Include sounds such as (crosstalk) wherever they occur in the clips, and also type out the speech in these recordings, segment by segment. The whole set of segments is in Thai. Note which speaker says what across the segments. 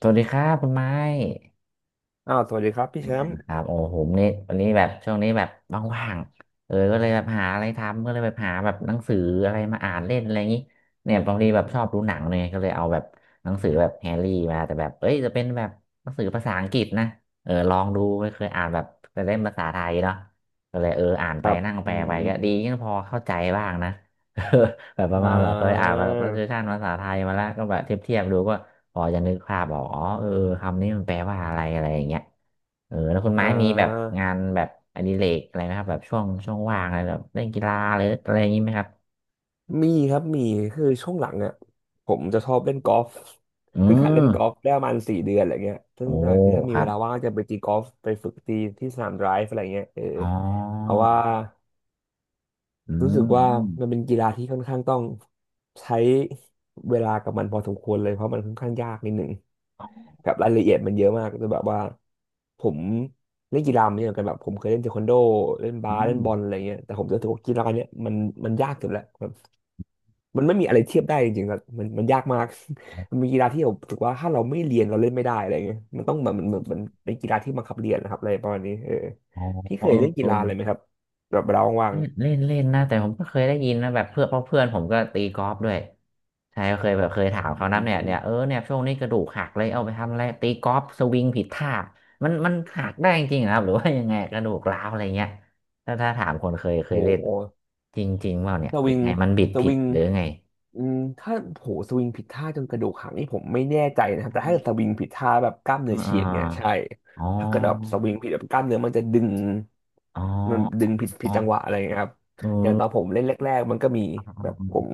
Speaker 1: สวัสดีครับคุณไม้
Speaker 2: อ้าวสวัสดีครับพี่
Speaker 1: เป็น
Speaker 2: แช
Speaker 1: ไง
Speaker 2: มป์
Speaker 1: บ้างครับโอ้ผมนี่วันนี้แบบช่วงนี้แบบว่างๆก็เลยแบบหาอะไรทำก็เลยแบบหาแบบหนังสืออะไรมาอ่านเล่นอะไรอย่างนี้เนี่ยบางทีแบบชอบดูหนังเนี่ยก็เลยเอาแบบหนังสือแบบแฮร์รี่มาแต่แบบเอ้ยจะเป็นแบบหนังสือภาษาอังกฤษนะเออลองดูไม่เคยอ่านแบบแต่เล่มภาษาไทยเนาะก็เลยเอออ่าน
Speaker 2: ค
Speaker 1: ไป
Speaker 2: รับ
Speaker 1: นั่งแป
Speaker 2: อื
Speaker 1: ล
Speaker 2: ม
Speaker 1: ไป
Speaker 2: อ
Speaker 1: ก็ดี
Speaker 2: ม
Speaker 1: ยังพอเข้าใจบ้างนะ (laughs) แบบประ
Speaker 2: อ่
Speaker 1: มาณแบบเคยอ่า
Speaker 2: า
Speaker 1: นมาแบบ translation ภาษาไทยมาแล้วก็แบบเทียบดูก็พอจะนึกภาพออกอ๋อเออคำนี้มันแปลว่าอะไรอะไรอย่างเงี้ยเออแล้วคุณ
Speaker 2: อ่
Speaker 1: ไม้มีแบบ
Speaker 2: า
Speaker 1: งานแบบอดิเรกอะไรไหมครับแบบช่วงว่างอะไรแบบเล่นกีฬาหรืออะไรอย่างงี้ไหมครับ
Speaker 2: มีครับมีคือช่วงหลังเนี่ยผมจะชอบเล่นกอล์ฟ
Speaker 1: อื
Speaker 2: (laughs) เพิ่งหัดเล่
Speaker 1: ม
Speaker 2: นกอล์ฟได้ประมาณ4 เดือนอะไรเงี้ยซึ่ง
Speaker 1: โอ้
Speaker 2: คือถ้า
Speaker 1: ค
Speaker 2: มี
Speaker 1: รั
Speaker 2: เว
Speaker 1: บ
Speaker 2: ลาว่างก็จะไปตีกอล์ฟไปฝึกตีที่สนามไดรฟ์อะไรเงี้ยเออ
Speaker 1: อ๋
Speaker 2: เพ
Speaker 1: อ
Speaker 2: ราะว่า
Speaker 1: อื
Speaker 2: รู้สึก
Speaker 1: มอื
Speaker 2: ว่า
Speaker 1: ม
Speaker 2: มันเป็นกีฬาที่ค่อนข้างต้องใช้เวลากับมันพอสมควรเลยเพราะมันค่อนข้างยากนิดหนึ่ง แบบรายละเอียดมันเยอะมากแต่แบบว่าผมเล่นกีฬามาเยอะเหมือนกันแบบผมเคยเล่นเทควันโดเล่น
Speaker 1: อื
Speaker 2: บาสเล่น
Speaker 1: ม
Speaker 2: บอลอะไรเงี้ยแต่ผมรู้สึกว่ากีฬาเนี้ยมันยากสุดแล้วแบบมันไม่มีอะไรเทียบได้จริงๆครับมันยากมาก (laughs) มันมีกีฬาที่ผมรู้สึกว่าถ้าเราไม่เรียนเราเล่นไม่ได้อะไรเงี้ยมันต้องแบบมันเหมือนมันเป็นกีฬาที่บังคับเรียนนะครับอะไรประมาณนี้เออ
Speaker 1: อ๋อ
Speaker 2: พี่
Speaker 1: เอ
Speaker 2: เคย
Speaker 1: อ
Speaker 2: เล่น
Speaker 1: เอ
Speaker 2: กี
Speaker 1: อ
Speaker 2: ฬาอะไรไหมครับแบบเวลาว่าง
Speaker 1: เล่นเล่นเล่นนะแต่ผมก็เคยได้ยินนะแบบเพื่อนเพราะเพื่อนผมก็ตีกอล์ฟด้วยใช่ก็เคยแบบเคยถาม
Speaker 2: ๆอื
Speaker 1: เขานะเนี่ย
Speaker 2: ม
Speaker 1: เนี่ยเออเนี่ยช่วงนี้กระดูกหักเลยเอาไปทำอะไรตีกอล์ฟสวิงผิดท่ามันมันหักได้จริงๆเหรอครับหรือว่ายังไงกระดูกร้าวอะไรเงี้ยถ้าถามคนเคย
Speaker 2: โ
Speaker 1: เล่น
Speaker 2: ห
Speaker 1: จริงๆเปล่าเนี่ย
Speaker 2: ส
Speaker 1: หรือ
Speaker 2: วิง
Speaker 1: ไงมันบิด
Speaker 2: ส
Speaker 1: ผิด
Speaker 2: วิง
Speaker 1: หรือไง
Speaker 2: อืมถ้าโหสวิงผิดท่าจนกระดูกหักนี่ผมไม่แน่ใจนะครับ
Speaker 1: อ๋อ
Speaker 2: แต่ถ้าสวิงผิดท่าแบบกล้าม
Speaker 1: เอ๋
Speaker 2: เนื้อฉีกเนี่ยใช่
Speaker 1: ออ๋
Speaker 2: ถ้าเกิดแบบส
Speaker 1: อ
Speaker 2: วิงผิดแบบกล้ามเนื้อมันจะดึง
Speaker 1: อ๋อ
Speaker 2: มันดึงผิดผิ
Speaker 1: อ๋
Speaker 2: ด
Speaker 1: อ
Speaker 2: จังหวะอะไรอย่างเงี้ยครับ
Speaker 1: เ
Speaker 2: อย่างตอนผ
Speaker 1: ออ
Speaker 2: มเล่นแรกๆมันก็มีแบบผม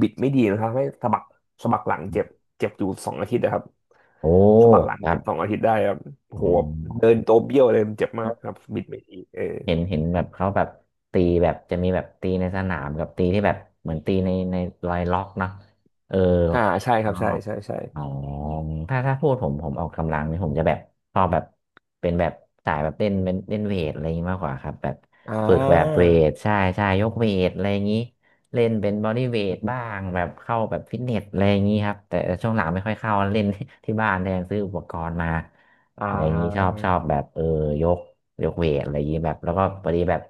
Speaker 2: บิดไม่ดีนะครับให้สะบักหลังเจ็บเจ็บอยู่สองอาทิตย์นะครับ
Speaker 1: โอ้
Speaker 2: สะบักหลัง
Speaker 1: ครั
Speaker 2: เจ็
Speaker 1: บ
Speaker 2: บสองอาทิตย์ได้ครับโอ้
Speaker 1: อ
Speaker 2: โหเดิ
Speaker 1: ๋
Speaker 2: นตัวเบี้ยวเลยมันเจ็บมากค
Speaker 1: อ
Speaker 2: รับบิดไม่ดีเออ
Speaker 1: เห็นเห็นแบบเขาแบบตีแบบจะมีแบบตีในสนามกับตีที่แบบเหมือนตีในรอยล็อกเนาะเออ
Speaker 2: อ่าใช่
Speaker 1: อ๋
Speaker 2: ค
Speaker 1: อ
Speaker 2: รับใช่ใช่ใช่
Speaker 1: อ๋อถ้าพูดผมออกกำลังนี่ผมจะแบบชอบแบบเป็นแบบสายแบบเล่นเป็นเล่นเวทอะไรอย่างนี้มากกว่าครับแบบ
Speaker 2: อ่า
Speaker 1: ฝึกแบบเวทใช่ใช่ยกเวทอะไรอย่างนี้เล่นเป็นบอดี้เวทบ้างแบบเข้าแบบฟิตเนสอะไรอย่างนี้ครับแต่ช่วงหลังไม่ค่อยเข้าเล่น (laughs) ที่บ้านแทนซื้ออุปกรณ์มา
Speaker 2: อ่
Speaker 1: อะไรอย่างนี้ชอบ
Speaker 2: า
Speaker 1: ชอบแบบเออยก ยกเวทอะไรอย่างนี้แบบแล้วก็พอดีแบบ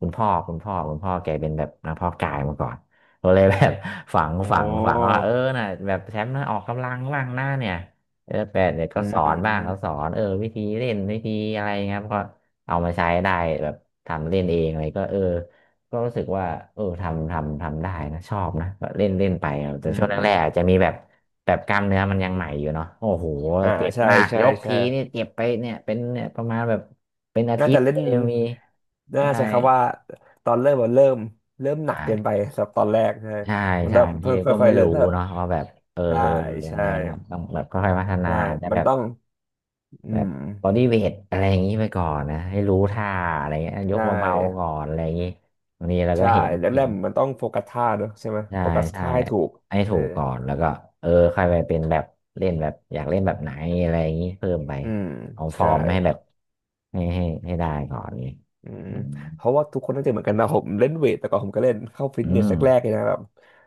Speaker 1: คุณพ่อแกเป็นแบบนักเพาะกายมาก่อนก็เลยแบบ (laughs) ฝัง
Speaker 2: อ๋อ
Speaker 1: ฝังฝังว่าเออน่ะแบบแชมป์นะออกกำลังบ้างหน้าเนี่ยเออแปดเนี่ยก็
Speaker 2: อื
Speaker 1: ส
Speaker 2: ม
Speaker 1: อ
Speaker 2: อื
Speaker 1: นบ้างก็สอ
Speaker 2: ม
Speaker 1: นเออวิธีเล่นวิธีอะไรเงี้ยครับก็เอามาใช้ได้แบบทำเล่นเองอะไรก็เออก็รู้สึกว่าเออทำได้นะชอบนะก็เล่นเล่นไปครับแต่
Speaker 2: อื
Speaker 1: ช่
Speaker 2: ม
Speaker 1: วง
Speaker 2: อืม
Speaker 1: แรกๆอาจจะมีแบบแบบกล้ามเนื้อมันยังใหม่อยู่เนาะโอ้โห
Speaker 2: อ่า
Speaker 1: เจ็บ
Speaker 2: ใช่
Speaker 1: มาก
Speaker 2: ใช่
Speaker 1: ยก
Speaker 2: ใช่
Speaker 1: ทีนี่เจ็บไปเนี่ยเป็นเนี่ยประมาณแบบ เป็นอา
Speaker 2: น่า
Speaker 1: ทิต
Speaker 2: จะ
Speaker 1: ย์
Speaker 2: เล่
Speaker 1: เล
Speaker 2: น
Speaker 1: ยมี
Speaker 2: น่า
Speaker 1: ใช่
Speaker 2: ใช้คำว่าตอนเริ่มมันเริ่มหนัก
Speaker 1: ใช่
Speaker 2: เกินไปสำหรับตอนแรกใช่
Speaker 1: ใช่
Speaker 2: มัน
Speaker 1: ใช่
Speaker 2: แบบ
Speaker 1: บาง
Speaker 2: ค
Speaker 1: ทีก็
Speaker 2: ่อ
Speaker 1: ไม่
Speaker 2: ยๆเริ่ม
Speaker 1: รู้
Speaker 2: ถ้าแบบ
Speaker 1: เนาะว่าแบบเออ
Speaker 2: ใช่
Speaker 1: เออยัง
Speaker 2: ใช่
Speaker 1: ไงนะครับต้องแบบค่อยๆพัฒนา
Speaker 2: ใช่
Speaker 1: อาจจะ
Speaker 2: มั
Speaker 1: แบ
Speaker 2: น
Speaker 1: บ
Speaker 2: ต้องอื
Speaker 1: แบบ
Speaker 2: ม
Speaker 1: บอดี้เวทอะไรอย่างนี้ไปก่อนนะให้รู้ท่าอะไรเงี้ยย
Speaker 2: ใช่
Speaker 1: กเบาๆก่อนอะไรอย่างนี้บางทีเราก็
Speaker 2: ใช่
Speaker 1: เห็น
Speaker 2: แร
Speaker 1: เห็
Speaker 2: ก
Speaker 1: น
Speaker 2: ๆมันต้องโฟกัสท่าเนอะใช่ไหม
Speaker 1: ใช่
Speaker 2: โฟกัส
Speaker 1: ใช่
Speaker 2: ท่าให้ถูก
Speaker 1: ให้
Speaker 2: เอ
Speaker 1: ถู
Speaker 2: อ
Speaker 1: กก่อนแล้วก็เออค่อยไปเป็นแบบเล่นแบบอยากเล่นแบบไหนอะไรอย่างนี้เพิ่มไป
Speaker 2: อืม
Speaker 1: เอาฟอ
Speaker 2: ใช่
Speaker 1: ร์มให้แบบให้ได้ก่อนนี้
Speaker 2: อืม
Speaker 1: อืม
Speaker 2: เพราะว่าทุกคนน่าจะเหมือนกันนะผมเล่นเวทแต่ก่อนผมก็เล่นเข้าฟิต
Speaker 1: อื
Speaker 2: เนส
Speaker 1: ม
Speaker 2: แรกๆเลยนะแบบ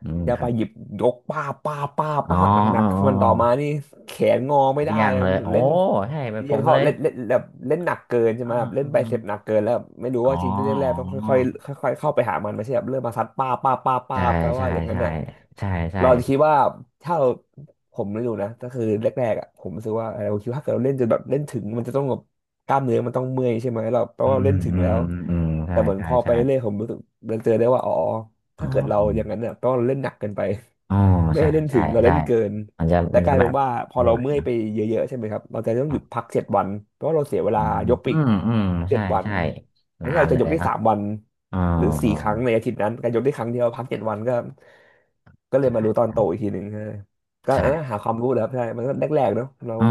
Speaker 1: อืม
Speaker 2: ยา
Speaker 1: ค
Speaker 2: ไป
Speaker 1: รับ
Speaker 2: หยิบยกป้าบป้าบป้าบ
Speaker 1: อ๋อ
Speaker 2: ป้าบหนั
Speaker 1: อ๋อ
Speaker 2: ก
Speaker 1: อ๋
Speaker 2: ๆมันต่อมา
Speaker 1: อ
Speaker 2: นี่แขนงอไม่ได้
Speaker 1: เดี่ยงเลยโอ้
Speaker 2: เล่น
Speaker 1: ใช่เป็นผ
Speaker 2: เรียง
Speaker 1: ม
Speaker 2: เขา
Speaker 1: เลย
Speaker 2: เล่นเล่นแบบเล่นหนักเกินใช่
Speaker 1: อ๋
Speaker 2: ไหมแบบเล่นไบเซ
Speaker 1: อ
Speaker 2: ปหนักเกินแล้วแบบไม่รู้
Speaker 1: อ๋อ
Speaker 2: ว่าจริงเร่น
Speaker 1: อ
Speaker 2: แรกๆต้อง
Speaker 1: ๋
Speaker 2: ค่อย
Speaker 1: อ
Speaker 2: ๆค่อยๆเข้าไปหามันไม่ใช่แบบเริ่มมาซัดป้าบป้าบป้าบป้า
Speaker 1: ใช่
Speaker 2: บแปลว่า
Speaker 1: ใช่
Speaker 2: อย่างนั้น
Speaker 1: ใช่
Speaker 2: น่ะ
Speaker 1: ใช่ใช่
Speaker 2: เราจะคิดว่าถ้าเราผมไม่รู้นะก็คือแรกๆอ่ะผมรู้สึกว่าเออผมคิดว่าถ้าเกิดเราเล่นจนแบบเล่นถึงมันจะต้องแบบ กล้ามเนื้อมันต้องเมื่อยใช่ไหมเราแปล
Speaker 1: อื
Speaker 2: ว่าเรา
Speaker 1: ม
Speaker 2: เล่นถึง
Speaker 1: อื
Speaker 2: แล้
Speaker 1: ม
Speaker 2: ว
Speaker 1: อืมอืมใช่
Speaker 2: แต่เหมือน
Speaker 1: ใช่
Speaker 2: พอไป
Speaker 1: ใช่
Speaker 2: เรื่อยๆผมรู้สึกเดินเจอได้ว่าอ๋อ
Speaker 1: อ๋อ
Speaker 2: ถ้าเกิดเรา
Speaker 1: อืม
Speaker 2: อย่างนั้นเนี่ยแปลว่าเราเล่นหนักเกินไป
Speaker 1: อ๋อ
Speaker 2: (laughs) ไม่
Speaker 1: ใช่
Speaker 2: ให้เล่น
Speaker 1: ใช่
Speaker 2: ถึงเราเล่
Speaker 1: ใช่
Speaker 2: นเกิน
Speaker 1: มันจะ
Speaker 2: และ
Speaker 1: มัน
Speaker 2: ก
Speaker 1: จะ
Speaker 2: ลาย
Speaker 1: แบ
Speaker 2: เป็น
Speaker 1: บ
Speaker 2: ว่าพอ
Speaker 1: ไม่
Speaker 2: เรา
Speaker 1: ไหว
Speaker 2: เมื่อย
Speaker 1: เนอะ
Speaker 2: ไปเยอะๆใช่ไหมครับเราจะต้อ
Speaker 1: ค
Speaker 2: งห
Speaker 1: รั
Speaker 2: ยุดพั
Speaker 1: บ
Speaker 2: กเจ็ดวันเพราะว่าเราเสียเว
Speaker 1: อื
Speaker 2: ลา
Speaker 1: ม
Speaker 2: ยกไป
Speaker 1: อื
Speaker 2: อีก
Speaker 1: มอืม
Speaker 2: เจ็
Speaker 1: ใช่
Speaker 2: ดวัน
Speaker 1: ใช่
Speaker 2: แทน
Speaker 1: นา
Speaker 2: ที่
Speaker 1: น
Speaker 2: เรา
Speaker 1: เล
Speaker 2: จะย
Speaker 1: ย
Speaker 2: กได้
Speaker 1: เนอะ
Speaker 2: 3 วัน
Speaker 1: อ๋อ
Speaker 2: หรือ
Speaker 1: อ๋
Speaker 2: สี่
Speaker 1: อ
Speaker 2: ครั้งในอาทิตย์นั้นการยกได้ครั้งเดียวพักเจ็ดวันก็ก็เลยมารู้ตอ
Speaker 1: ใช่
Speaker 2: นโตอีกทีหนึ่งฮะก็เออ
Speaker 1: ใช่
Speaker 2: หาความรู้นะครับใช่มันก็แรกๆเนาะเรา
Speaker 1: อ๋อ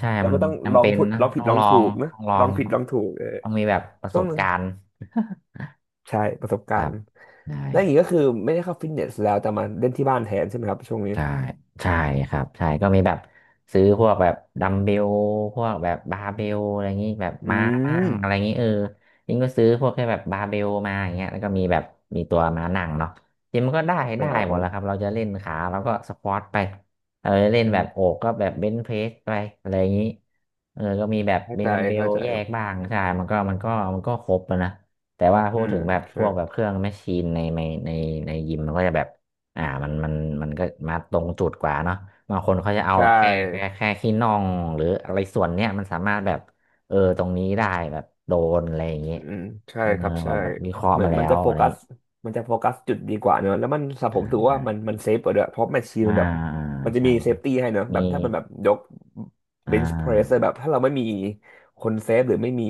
Speaker 1: ใช่
Speaker 2: เรา
Speaker 1: มัน
Speaker 2: ก็ต้องล
Speaker 1: จำ
Speaker 2: อง
Speaker 1: เป็น
Speaker 2: ผุด
Speaker 1: นะ
Speaker 2: ลองผิ
Speaker 1: ต้
Speaker 2: ด
Speaker 1: อง
Speaker 2: ลอ
Speaker 1: ล
Speaker 2: ง
Speaker 1: อ
Speaker 2: ถู
Speaker 1: ง
Speaker 2: กนะ
Speaker 1: ต้องลอ
Speaker 2: ลอ
Speaker 1: ง
Speaker 2: งผิด
Speaker 1: ต้อง
Speaker 2: ลองถูกเออ
Speaker 1: ต้องมีแบบประ
Speaker 2: ช่
Speaker 1: ส
Speaker 2: วง
Speaker 1: บ
Speaker 2: หนึ่ง
Speaker 1: การณ์
Speaker 2: ใช่ประสบ
Speaker 1: (laughs) ค
Speaker 2: กา
Speaker 1: รั
Speaker 2: ร
Speaker 1: บ
Speaker 2: ณ์
Speaker 1: ได้
Speaker 2: แล้วอย่างนี้ก็คือไม่ได้เข้าฟิตเนสแล้วแต่มาเล่นที่บ้านแทนใช่ไหมครับช่วงนี้
Speaker 1: ใช่ใช่ครับใช่ก็มีแบบซื้อพวกแบบดัมเบลพวกแบบบาร์เบลอะไรอย่างนี้แบบ
Speaker 2: อื
Speaker 1: ม้านั่
Speaker 2: ม
Speaker 1: งอะไรอย่างนี้เออยิ่งก็ซื้อพวกแค่แบบบาร์เบลมาอย่างเงี้ยแล้วก็มีแบบมีตัวม้านั่งเนาะจริงมันก็ได้ได้หมด
Speaker 2: อ่า
Speaker 1: แล้วครับเราจะเล่นขาเราก็สควอตไปเออเล่น
Speaker 2: อื
Speaker 1: แบบโอ
Speaker 2: ม
Speaker 1: กก็แบบเบนช์เพรสไปอะไรอย่างนี้เออก็มีแบบ
Speaker 2: เข้า
Speaker 1: เบ
Speaker 2: ใจ
Speaker 1: ดัมเบล
Speaker 2: เข้าใจ
Speaker 1: แยกบ้างใช่มันก็ครบอะนะแต่ว่าพู
Speaker 2: อื
Speaker 1: ด
Speaker 2: ม
Speaker 1: ถึงแบบพ
Speaker 2: ใช่
Speaker 1: วกแบบเครื่องแมชชีนในในยิมมันก็จะแบบ มันมันก็มาตรงจุดกว่าเนาะบางคนเขาจะเอาแบ
Speaker 2: ใช่
Speaker 1: บแค่ขี้น่องหรืออะไรส่วนเนี้ยมันสามารถแบบเออตรงนี้ได้แบบโดนอะไรอย่างเงี้
Speaker 2: อื
Speaker 1: ย
Speaker 2: มใช่
Speaker 1: เออ
Speaker 2: ครับ
Speaker 1: แบ
Speaker 2: ใช่
Speaker 1: บแบบวิเคราะห์
Speaker 2: เหมือ
Speaker 1: มา
Speaker 2: น
Speaker 1: แล้
Speaker 2: มัน
Speaker 1: ว
Speaker 2: จะโฟ
Speaker 1: อะไรอ
Speaker 2: กั
Speaker 1: ย่าง
Speaker 2: ส
Speaker 1: งี้
Speaker 2: มันจะโฟกัสจุดดีกว่าเนอะ แล้วมันสำหรับ
Speaker 1: อ่า
Speaker 2: ผมถือ
Speaker 1: ได้
Speaker 2: ว่ามันเซฟกว่าด้วยเพราะแมชชีน
Speaker 1: อ่า
Speaker 2: มันแบบมันจะ
Speaker 1: ใช่
Speaker 2: มีเซ
Speaker 1: ใช่
Speaker 2: ฟตี้ให้เนอะแบ
Speaker 1: มี
Speaker 2: บถ้ามันแบบยก
Speaker 1: อ่
Speaker 2: เบนช์เพรส
Speaker 1: า
Speaker 2: แบบถ้าเราไม่มีคนเซฟหรือไม่มี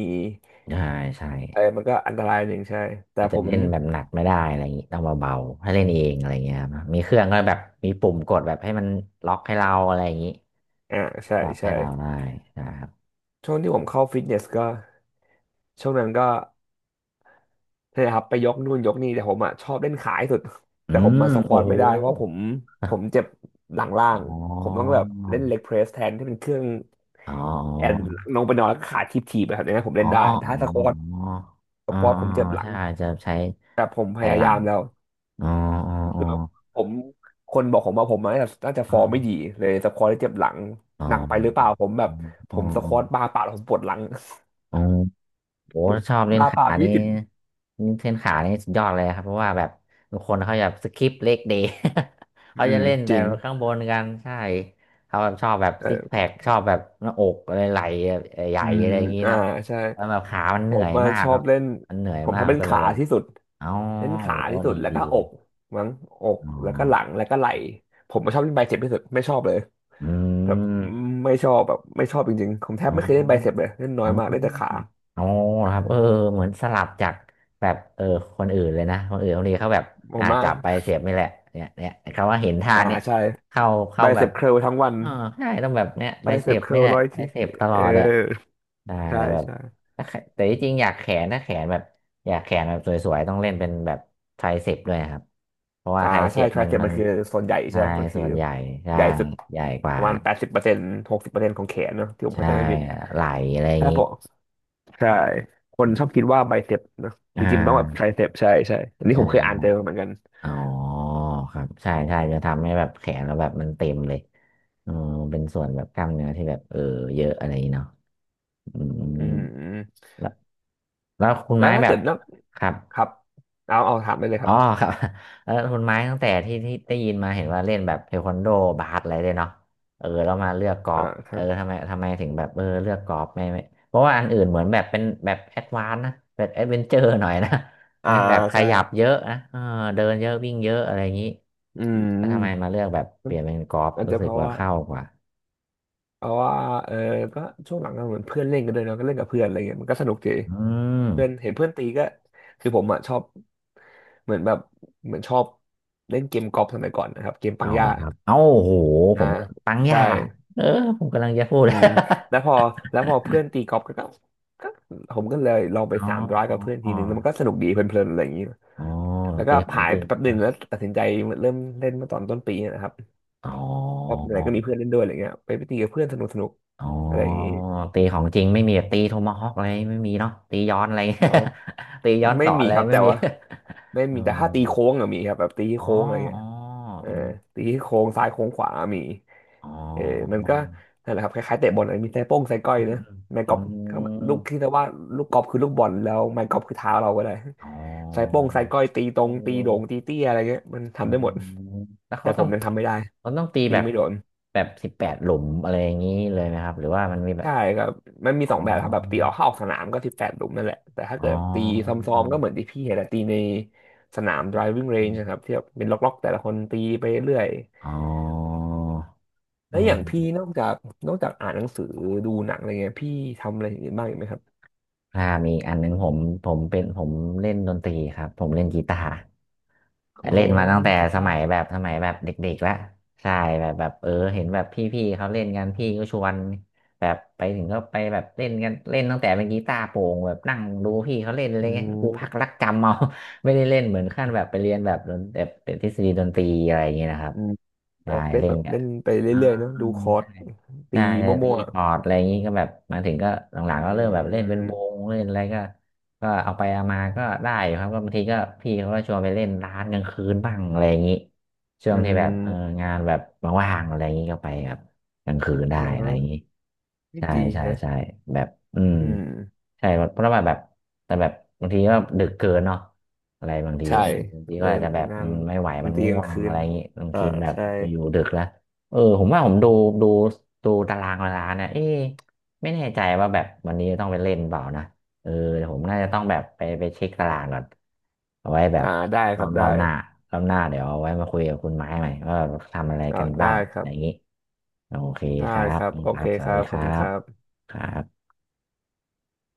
Speaker 1: ใช่ใช่
Speaker 2: เออมันก็อันตรายหนึ่งใช่ แต่
Speaker 1: อาจ
Speaker 2: ผ
Speaker 1: จะ
Speaker 2: ม
Speaker 1: เล่นแบบหนักไม่ได้อะไรอย่างงี้ต้องเบาๆให้เล่นเองอะไรอย่างเงี้ยครับมีเครื่องก็แบบมีปุ่มกดแบบให้มันล็อกให้เราอะไรอย่างงี้
Speaker 2: อ่าใช่
Speaker 1: จับให้
Speaker 2: ใช่
Speaker 1: เราได้นะครับ
Speaker 2: ช่วงที่ผมเข้าฟิตเนสก็ช่วงนั้นก็นี่นแหละครับไปยกนู่นยกนี่แต่ผมอ่ะชอบเล่นขาที่สุด
Speaker 1: อื
Speaker 2: แต่ผม
Speaker 1: ม
Speaker 2: มาสคว
Speaker 1: โอ้
Speaker 2: อต
Speaker 1: โห
Speaker 2: ไม่ได้เพราะผมผมเจ็บหลังล่าง
Speaker 1: อ๋
Speaker 2: ผมต้องแบ
Speaker 1: อ
Speaker 2: บเล่นเล็กเพรสแทนที่เป็นเครื่อง
Speaker 1: อ๋อ
Speaker 2: แอนลงไปนอนแล้วก็ขาทิบทีแบบนี้นะผม
Speaker 1: อ๋
Speaker 2: เล่
Speaker 1: อ
Speaker 2: นได้แต่
Speaker 1: อ๋อ
Speaker 2: ถ้าสควอต
Speaker 1: อ๋ออ๋อ
Speaker 2: ผมเจ็บหลัง
Speaker 1: ใช่จะใช้
Speaker 2: แต่ผมพ
Speaker 1: ใช้
Speaker 2: ยา
Speaker 1: หลั
Speaker 2: ยา
Speaker 1: ง
Speaker 2: มแล้ว
Speaker 1: อ๋ออ๋อ
Speaker 2: ผมคนบอกผมว่าผมน่าจะ
Speaker 1: อ๋
Speaker 2: ฟอร์มไม่
Speaker 1: อ
Speaker 2: ดีเลยสควอตเจ็บหลัง
Speaker 1: อ๋อ
Speaker 2: หนักไปหรือเปล่าผมแบบผ
Speaker 1: อ๋อ
Speaker 2: มสควอตบาร์เปล่าผมปวดหลัง
Speaker 1: อ๋อ โอ้ชอบเล่
Speaker 2: (laughs)
Speaker 1: น
Speaker 2: บาร์เป
Speaker 1: ขา
Speaker 2: ล่ายี่
Speaker 1: นี่
Speaker 2: สิบ
Speaker 1: เล่นขานี่สุดยอดเลยครับเพราะว่าแบบบางคนเขาจะสคิปเลกเดย์ (laughs) เขา
Speaker 2: อื
Speaker 1: จะ
Speaker 2: ม
Speaker 1: เล่น
Speaker 2: จ
Speaker 1: แต่
Speaker 2: ริง
Speaker 1: ข้างบนกันใช่เขาแบบชอบแบบ
Speaker 2: เอ
Speaker 1: ซิกแพ
Speaker 2: อ
Speaker 1: คชอบแบบหน้าอกอะไรไหล่ใหญ่
Speaker 2: อืม
Speaker 1: อะไรอย่างนี้
Speaker 2: อ่า
Speaker 1: เนอะ
Speaker 2: ใช่
Speaker 1: แล้วแบบขามัน
Speaker 2: ผ
Speaker 1: เหนื่อ
Speaker 2: ม
Speaker 1: ย
Speaker 2: มา
Speaker 1: มาก
Speaker 2: ชอ
Speaker 1: ครั
Speaker 2: บ
Speaker 1: บ
Speaker 2: เล่น
Speaker 1: มันเหนื่อย
Speaker 2: ผม
Speaker 1: มาก
Speaker 2: ทำ
Speaker 1: มั
Speaker 2: เล่
Speaker 1: น
Speaker 2: น
Speaker 1: ก็เลย
Speaker 2: ขา
Speaker 1: แบบ
Speaker 2: ที่สุด
Speaker 1: เอ้า
Speaker 2: เล่นขา
Speaker 1: โอ้
Speaker 2: ที่สุ
Speaker 1: ดี
Speaker 2: ดแล้ว
Speaker 1: ดี
Speaker 2: ก็อ
Speaker 1: เลย
Speaker 2: กมั้งอก
Speaker 1: อ๋อ
Speaker 2: แล้วก็หลังแล้วก็ไหล่ผมมาชอบเล่นไบเซ็ปที่สุดไม่ชอบเลย
Speaker 1: อื
Speaker 2: แบบ
Speaker 1: ม
Speaker 2: ไม่ชอบแบบไม่ชอบจริงๆผมแท
Speaker 1: อ๋
Speaker 2: บ
Speaker 1: อ
Speaker 2: ไม่เคยเล่นไบเซ็ปเลยเล่นน้อ
Speaker 1: อ๋อ
Speaker 2: ยมากเล่นแต่ขา
Speaker 1: อ๋อครับเออเหมือนสลับจากแบบเออคนอื่นเลยนะคนอื่นบางทีเขาแบบ
Speaker 2: ผ
Speaker 1: อ่า
Speaker 2: มมา
Speaker 1: จั
Speaker 2: ก
Speaker 1: บไปเสียบนี่แหละเนี่ยเนี่ยเขาว่าเห็นทา
Speaker 2: อ่า
Speaker 1: นเนี่ย
Speaker 2: ใช่
Speaker 1: เข้า
Speaker 2: ไบ
Speaker 1: เข้าแบ
Speaker 2: เซ็
Speaker 1: บ
Speaker 2: ปเคิลทั้งวัน
Speaker 1: เออใช่ต้องแบบเนี่ยไป
Speaker 2: ไบ
Speaker 1: เส
Speaker 2: เซ
Speaker 1: ย
Speaker 2: ป
Speaker 1: บ
Speaker 2: เคิ
Speaker 1: นี่
Speaker 2: ล
Speaker 1: แหละ
Speaker 2: 100
Speaker 1: ไป
Speaker 2: ที่
Speaker 1: เสยบตล
Speaker 2: เอ
Speaker 1: อ
Speaker 2: อ
Speaker 1: ดเลยได้
Speaker 2: ใช่
Speaker 1: แต่แบบ
Speaker 2: ใช่
Speaker 1: ถ้าแขแต่ที่จริงอยากแขนถ้าแขนแบบอยากแขนแบบสวยๆต้องเล่นเป็นแบบไทรเสพด้วยครับเพราะว่า
Speaker 2: อ่า
Speaker 1: ไทรเส
Speaker 2: ใช่
Speaker 1: พ
Speaker 2: ไท
Speaker 1: มั
Speaker 2: ริ
Speaker 1: น
Speaker 2: เซป
Speaker 1: มั
Speaker 2: มั
Speaker 1: น
Speaker 2: นคือส่วนใหญ่ใช่
Speaker 1: ใช่
Speaker 2: ไหมมันคื
Speaker 1: ส่
Speaker 2: อ
Speaker 1: วนใหญ่ใช่
Speaker 2: ใหญ่สุด
Speaker 1: ใหญ่ก
Speaker 2: ป
Speaker 1: ว่า
Speaker 2: ระมาณ80%60%ของแขนเนอะที่ผม
Speaker 1: ใช่
Speaker 2: เข้าใจไม่ผิด
Speaker 1: ไหลอะไรอย่าง
Speaker 2: ถ้า
Speaker 1: นี้
Speaker 2: ผมใช่ คนชอบคิดว่าไบเซปเนอะจ
Speaker 1: อ่
Speaker 2: ริงๆมันต้องแบบไท
Speaker 1: า
Speaker 2: ริเซปใช่ใช่อันนี้ผมเคยอ่าน
Speaker 1: ใช่
Speaker 2: เจอมาเหมือนกัน
Speaker 1: อ๋อครับ ใช่ใช่จะทำให้แบบแขนเราแบบมันเต็มเลยเออเป็นส่วนแบบกล้ามเนื้อที่แบบเออเยอะอะไรอย่างงี้เนาะอืม
Speaker 2: อืมอืม
Speaker 1: แล้วแล้วคุณ
Speaker 2: แล้
Speaker 1: ไม้
Speaker 2: วถ้า
Speaker 1: แบ
Speaker 2: เกิ
Speaker 1: บ
Speaker 2: ดนัก
Speaker 1: ครับ
Speaker 2: ครับ เอาเอาถามได้เลยค
Speaker 1: อ๋
Speaker 2: รั
Speaker 1: อ
Speaker 2: บ
Speaker 1: ครับ (laughs) แล้วคุณไม้ตั้งแต่ที่ได้ยินมาเห็นว่าเล่นแบบเทควันโดบาสอะไรด้วยเนาะเออเรามาเลือกกอ
Speaker 2: อ่า
Speaker 1: ล์ฟ
Speaker 2: ค
Speaker 1: เอ
Speaker 2: รั
Speaker 1: อ
Speaker 2: บ
Speaker 1: ทำไมถึงแบบเออเลือกกอล์ฟไม่ไม่เพราะว่าอันอื่นเหมือนแบบเป็นแบบแอดวานซ์นะแบบแอดเวนเจอร์หน่อยนะ (laughs) ไห
Speaker 2: อ่า
Speaker 1: มแบบข
Speaker 2: ใช่
Speaker 1: ยับเยอะนะเออเดินเยอะวิ่งเยอะอะไรอย่างนี้
Speaker 2: อื
Speaker 1: แล้วทำไมมา
Speaker 2: ม
Speaker 1: เลือกแบบเป
Speaker 2: มัน
Speaker 1: ลี่ยนเป็นกอล์ฟ
Speaker 2: อาจ
Speaker 1: รู้
Speaker 2: จะ
Speaker 1: สึ
Speaker 2: เพ
Speaker 1: ก
Speaker 2: ราะ
Speaker 1: ว่า
Speaker 2: ว่า
Speaker 1: เข้ากว่า
Speaker 2: เพราะว่าเออก็ช่วงหลังก็เหมือนเพื่อนเล่นกันด้วยเนาะก็เล่นกับเพื่อนอะไรเงี้ยมันก็สนุกดี
Speaker 1: อื
Speaker 2: เพื่อน
Speaker 1: ม
Speaker 2: เห็นเพื่อนตีก็คือผมอ่ะชอบเหมือนแบบเหมือนชอบเล่นเกมกอล์ฟสมัยก่อนนะครับเกมปั
Speaker 1: เอา
Speaker 2: งย่า
Speaker 1: ละครับเอ้าโอ้โหผ
Speaker 2: อ่า
Speaker 1: มปังยา
Speaker 2: ใช่
Speaker 1: เออผมกำลังจะพูด
Speaker 2: อื
Speaker 1: (laughs)
Speaker 2: มแล้วพอเพื่อนตีกอล์ฟก็ผมก็เลยลอง
Speaker 1: อ๋อ
Speaker 2: 300กับเพื่อน
Speaker 1: อ๋
Speaker 2: ที
Speaker 1: อ
Speaker 2: หนึ่งแล้วมันก็สนุกดีเพลินๆอะไรอย่างนี้
Speaker 1: อ๋อ
Speaker 2: แล้วก็
Speaker 1: ตีของ
Speaker 2: หาย
Speaker 1: จริ
Speaker 2: ไป
Speaker 1: ง
Speaker 2: แป๊บหนึ่งแล้วตัดสินใจเริ่มเล่นเมื่อตอนต้นปีนะครับ
Speaker 1: อ๋อ
Speaker 2: เพราะไหนก็มีเพื่อนเล่นด้วยอะไรเงี้ยไปตีกับเพื่อนสนุกสนุก
Speaker 1: อ๋อ
Speaker 2: อะไรอย่างนี้
Speaker 1: ตีของจริงไม่มีแบบตีโทมาฮอกอะไรไม่มีเนาะตีย้อนอะไร
Speaker 2: อ๋อ
Speaker 1: (laughs) ตีย้อนส
Speaker 2: ไม่
Speaker 1: อน
Speaker 2: มี
Speaker 1: อะไร
Speaker 2: ครับ
Speaker 1: ไม่
Speaker 2: แต่
Speaker 1: มี
Speaker 2: ว่า ไม่
Speaker 1: (laughs) เอ
Speaker 2: มีแต่ถ้าตี
Speaker 1: อ
Speaker 2: โค้งอะมีครับแบบตี
Speaker 1: อ๋อ
Speaker 2: โค้งอะไรเงี้
Speaker 1: อ๋อ
Speaker 2: ยเออตีโค้งซ้ายโค้งขวามี
Speaker 1: อ๋อ
Speaker 2: เออมันก็นั่นแหละครับคล้ายๆเตะบอลอะมีไส้โป้งไส้ก้อย
Speaker 1: อืม
Speaker 2: นะ
Speaker 1: อืม
Speaker 2: ไม้ก
Speaker 1: อื
Speaker 2: อล์ฟก็
Speaker 1: ม
Speaker 2: ลูกคิดเรีว่าลูกกอล์ฟคือลูกบอลแล้วไม้กอล์ฟคือเท้าเราก็ได้
Speaker 1: อ๋อ
Speaker 2: ไส้โป้งไส้ก้อยตีตร
Speaker 1: เออ
Speaker 2: งตีโด่งตีเตี้ยอะไรเงี้ยมัน
Speaker 1: อื
Speaker 2: ทำได้
Speaker 1: ม
Speaker 2: หมด
Speaker 1: แล้ว
Speaker 2: แต่
Speaker 1: เขา
Speaker 2: ผ
Speaker 1: ต้อ
Speaker 2: ม
Speaker 1: ง
Speaker 2: ยังทำไม่ได้
Speaker 1: เขาต้องตี
Speaker 2: ตี
Speaker 1: แบบ
Speaker 2: ไม่โดน
Speaker 1: 18หลุมอะไรอย่างนี้เลยไหมครับหรือว่ามันมีแบบ
Speaker 2: ใช่ครับมันมี
Speaker 1: อ๋อ
Speaker 2: 2 แบบครับแบบตีออกเข้าออกสนามก็18 หลุมนั่นแหละแต่ถ้า
Speaker 1: อ๋
Speaker 2: เกิดตีซ
Speaker 1: อ
Speaker 2: ้อมๆก็เหมือนที่พี่เห็นแหละตีในสนาม driving range นะครับที่แบบเป็นล็อกๆแต่ละคนตีไปเรื่อย
Speaker 1: อ๋อออ
Speaker 2: แล้
Speaker 1: อื
Speaker 2: วอย่างพี่
Speaker 1: ม
Speaker 2: นอกจากอ่านหนังสือดูหนังอะไรเงี้ยพี่ทำอะไรอย่างอื่นบ้างอีกไหมครับ
Speaker 1: อ่ามีอีกอันหนึงผมผมเป็นผมเล่นดนตรีครับผมเล่นกีตาร์
Speaker 2: อ๋อ
Speaker 1: เล่นมาตั้งแต่
Speaker 2: เล่นกีตาร์
Speaker 1: สมัยแบบเด็กๆแล้วใช่แบบเออเห็นแบบพี่ๆเขาเล่นกันพี่ก็ชวนแบบไปถึงก็ไปแบบเล่นกันเล่นตั้งแต่เป็นกีตาร์โปร่งแบบนั่งดูพี่เขาเล่นอะไร
Speaker 2: อื
Speaker 1: เงี้ยกูพัก
Speaker 2: ม
Speaker 1: รักจำเอา (laughs) ไม่ได้เล่นเหมือนขั้นแบบไปเรียนแบบเป็นทฤษฎีดนตรีอะไรอย่างเงี้ยนะครับ
Speaker 2: อืม
Speaker 1: ใช่
Speaker 2: เล่น
Speaker 1: เล่
Speaker 2: แบ
Speaker 1: น
Speaker 2: บ
Speaker 1: กัน
Speaker 2: เล่นไป
Speaker 1: อ่
Speaker 2: เรื่อยๆเนาะดูคอร์ด
Speaker 1: า
Speaker 2: ตี
Speaker 1: ใช่ใช่
Speaker 2: มั่
Speaker 1: ตี
Speaker 2: ว
Speaker 1: พอร์ตอะไรอย่างนี้ก็แบบมาถึงก็ห
Speaker 2: ๆ
Speaker 1: ลั
Speaker 2: อื
Speaker 1: งๆก็เริ่มแบบเล่นเป็นว
Speaker 2: ม
Speaker 1: งเล่นอะไรก็ก็เอาไปเอามาก็ได้อยู่ครับก็บางทีก็พี่เขาก็ชวนไปเล่นร้านกลางคืนบ้างอะไรอย่างนี้ช่
Speaker 2: อื
Speaker 1: วงที่แบบเออ
Speaker 2: ม
Speaker 1: งานแบบว่างๆอะไรอย่างนี้ก็ไปครับกลางคืนได้
Speaker 2: อ๋
Speaker 1: อะไรอย่าง
Speaker 2: อ
Speaker 1: นี้
Speaker 2: ไม่
Speaker 1: ใช่
Speaker 2: ดี
Speaker 1: ใช่
Speaker 2: ฮะ
Speaker 1: ใช่แบบอืม
Speaker 2: อืม
Speaker 1: ใช่เพราะว่าแบบแต่แบบบางทีก็ดึกเกินเนาะอะไรบางที
Speaker 2: ใช่
Speaker 1: เออบางที
Speaker 2: ใน
Speaker 1: ก็อาจจะแบบ
Speaker 2: งา
Speaker 1: อื
Speaker 2: น
Speaker 1: มไม่ไหว
Speaker 2: ด
Speaker 1: มั
Speaker 2: น
Speaker 1: น
Speaker 2: ตรี
Speaker 1: ง่
Speaker 2: ก
Speaker 1: ว
Speaker 2: ลาง
Speaker 1: ง
Speaker 2: คื
Speaker 1: อะ
Speaker 2: น
Speaker 1: ไรอย่า
Speaker 2: นะ
Speaker 1: งนี้บาง
Speaker 2: อ่า
Speaker 1: ทีแบบ
Speaker 2: ใช่
Speaker 1: ไปอยู่ดึกแล้ว เออผมว่าผมดูดูตารางเวลานะเอ๊ะไม่แน่ใจว่าแบบวันนี้จะต้องไปเล่นเปล่านะเออเดี๋ยวผมน่าจะต้องแบบไปเช็คตารางก่อนเอาไว้แบบ
Speaker 2: อ่าได้ครับ
Speaker 1: ร
Speaker 2: ได้
Speaker 1: อบหน้ารอบหน้าเดี๋ยวเอาไว้มาคุยกับคุณไม้ใหม่ว่าเราทำอะไร
Speaker 2: อ่า
Speaker 1: กัน
Speaker 2: ได้
Speaker 1: บ้าง
Speaker 2: ครั
Speaker 1: อ
Speaker 2: บ
Speaker 1: ย่างนี้โอเค
Speaker 2: ได้
Speaker 1: ครั
Speaker 2: ค
Speaker 1: บ
Speaker 2: รับโอ
Speaker 1: ครั
Speaker 2: เค
Speaker 1: บส
Speaker 2: ค
Speaker 1: วัส
Speaker 2: รั
Speaker 1: ดี
Speaker 2: บข
Speaker 1: ค
Speaker 2: อบ
Speaker 1: รั
Speaker 2: คุณค
Speaker 1: บ
Speaker 2: รับ
Speaker 1: ครับ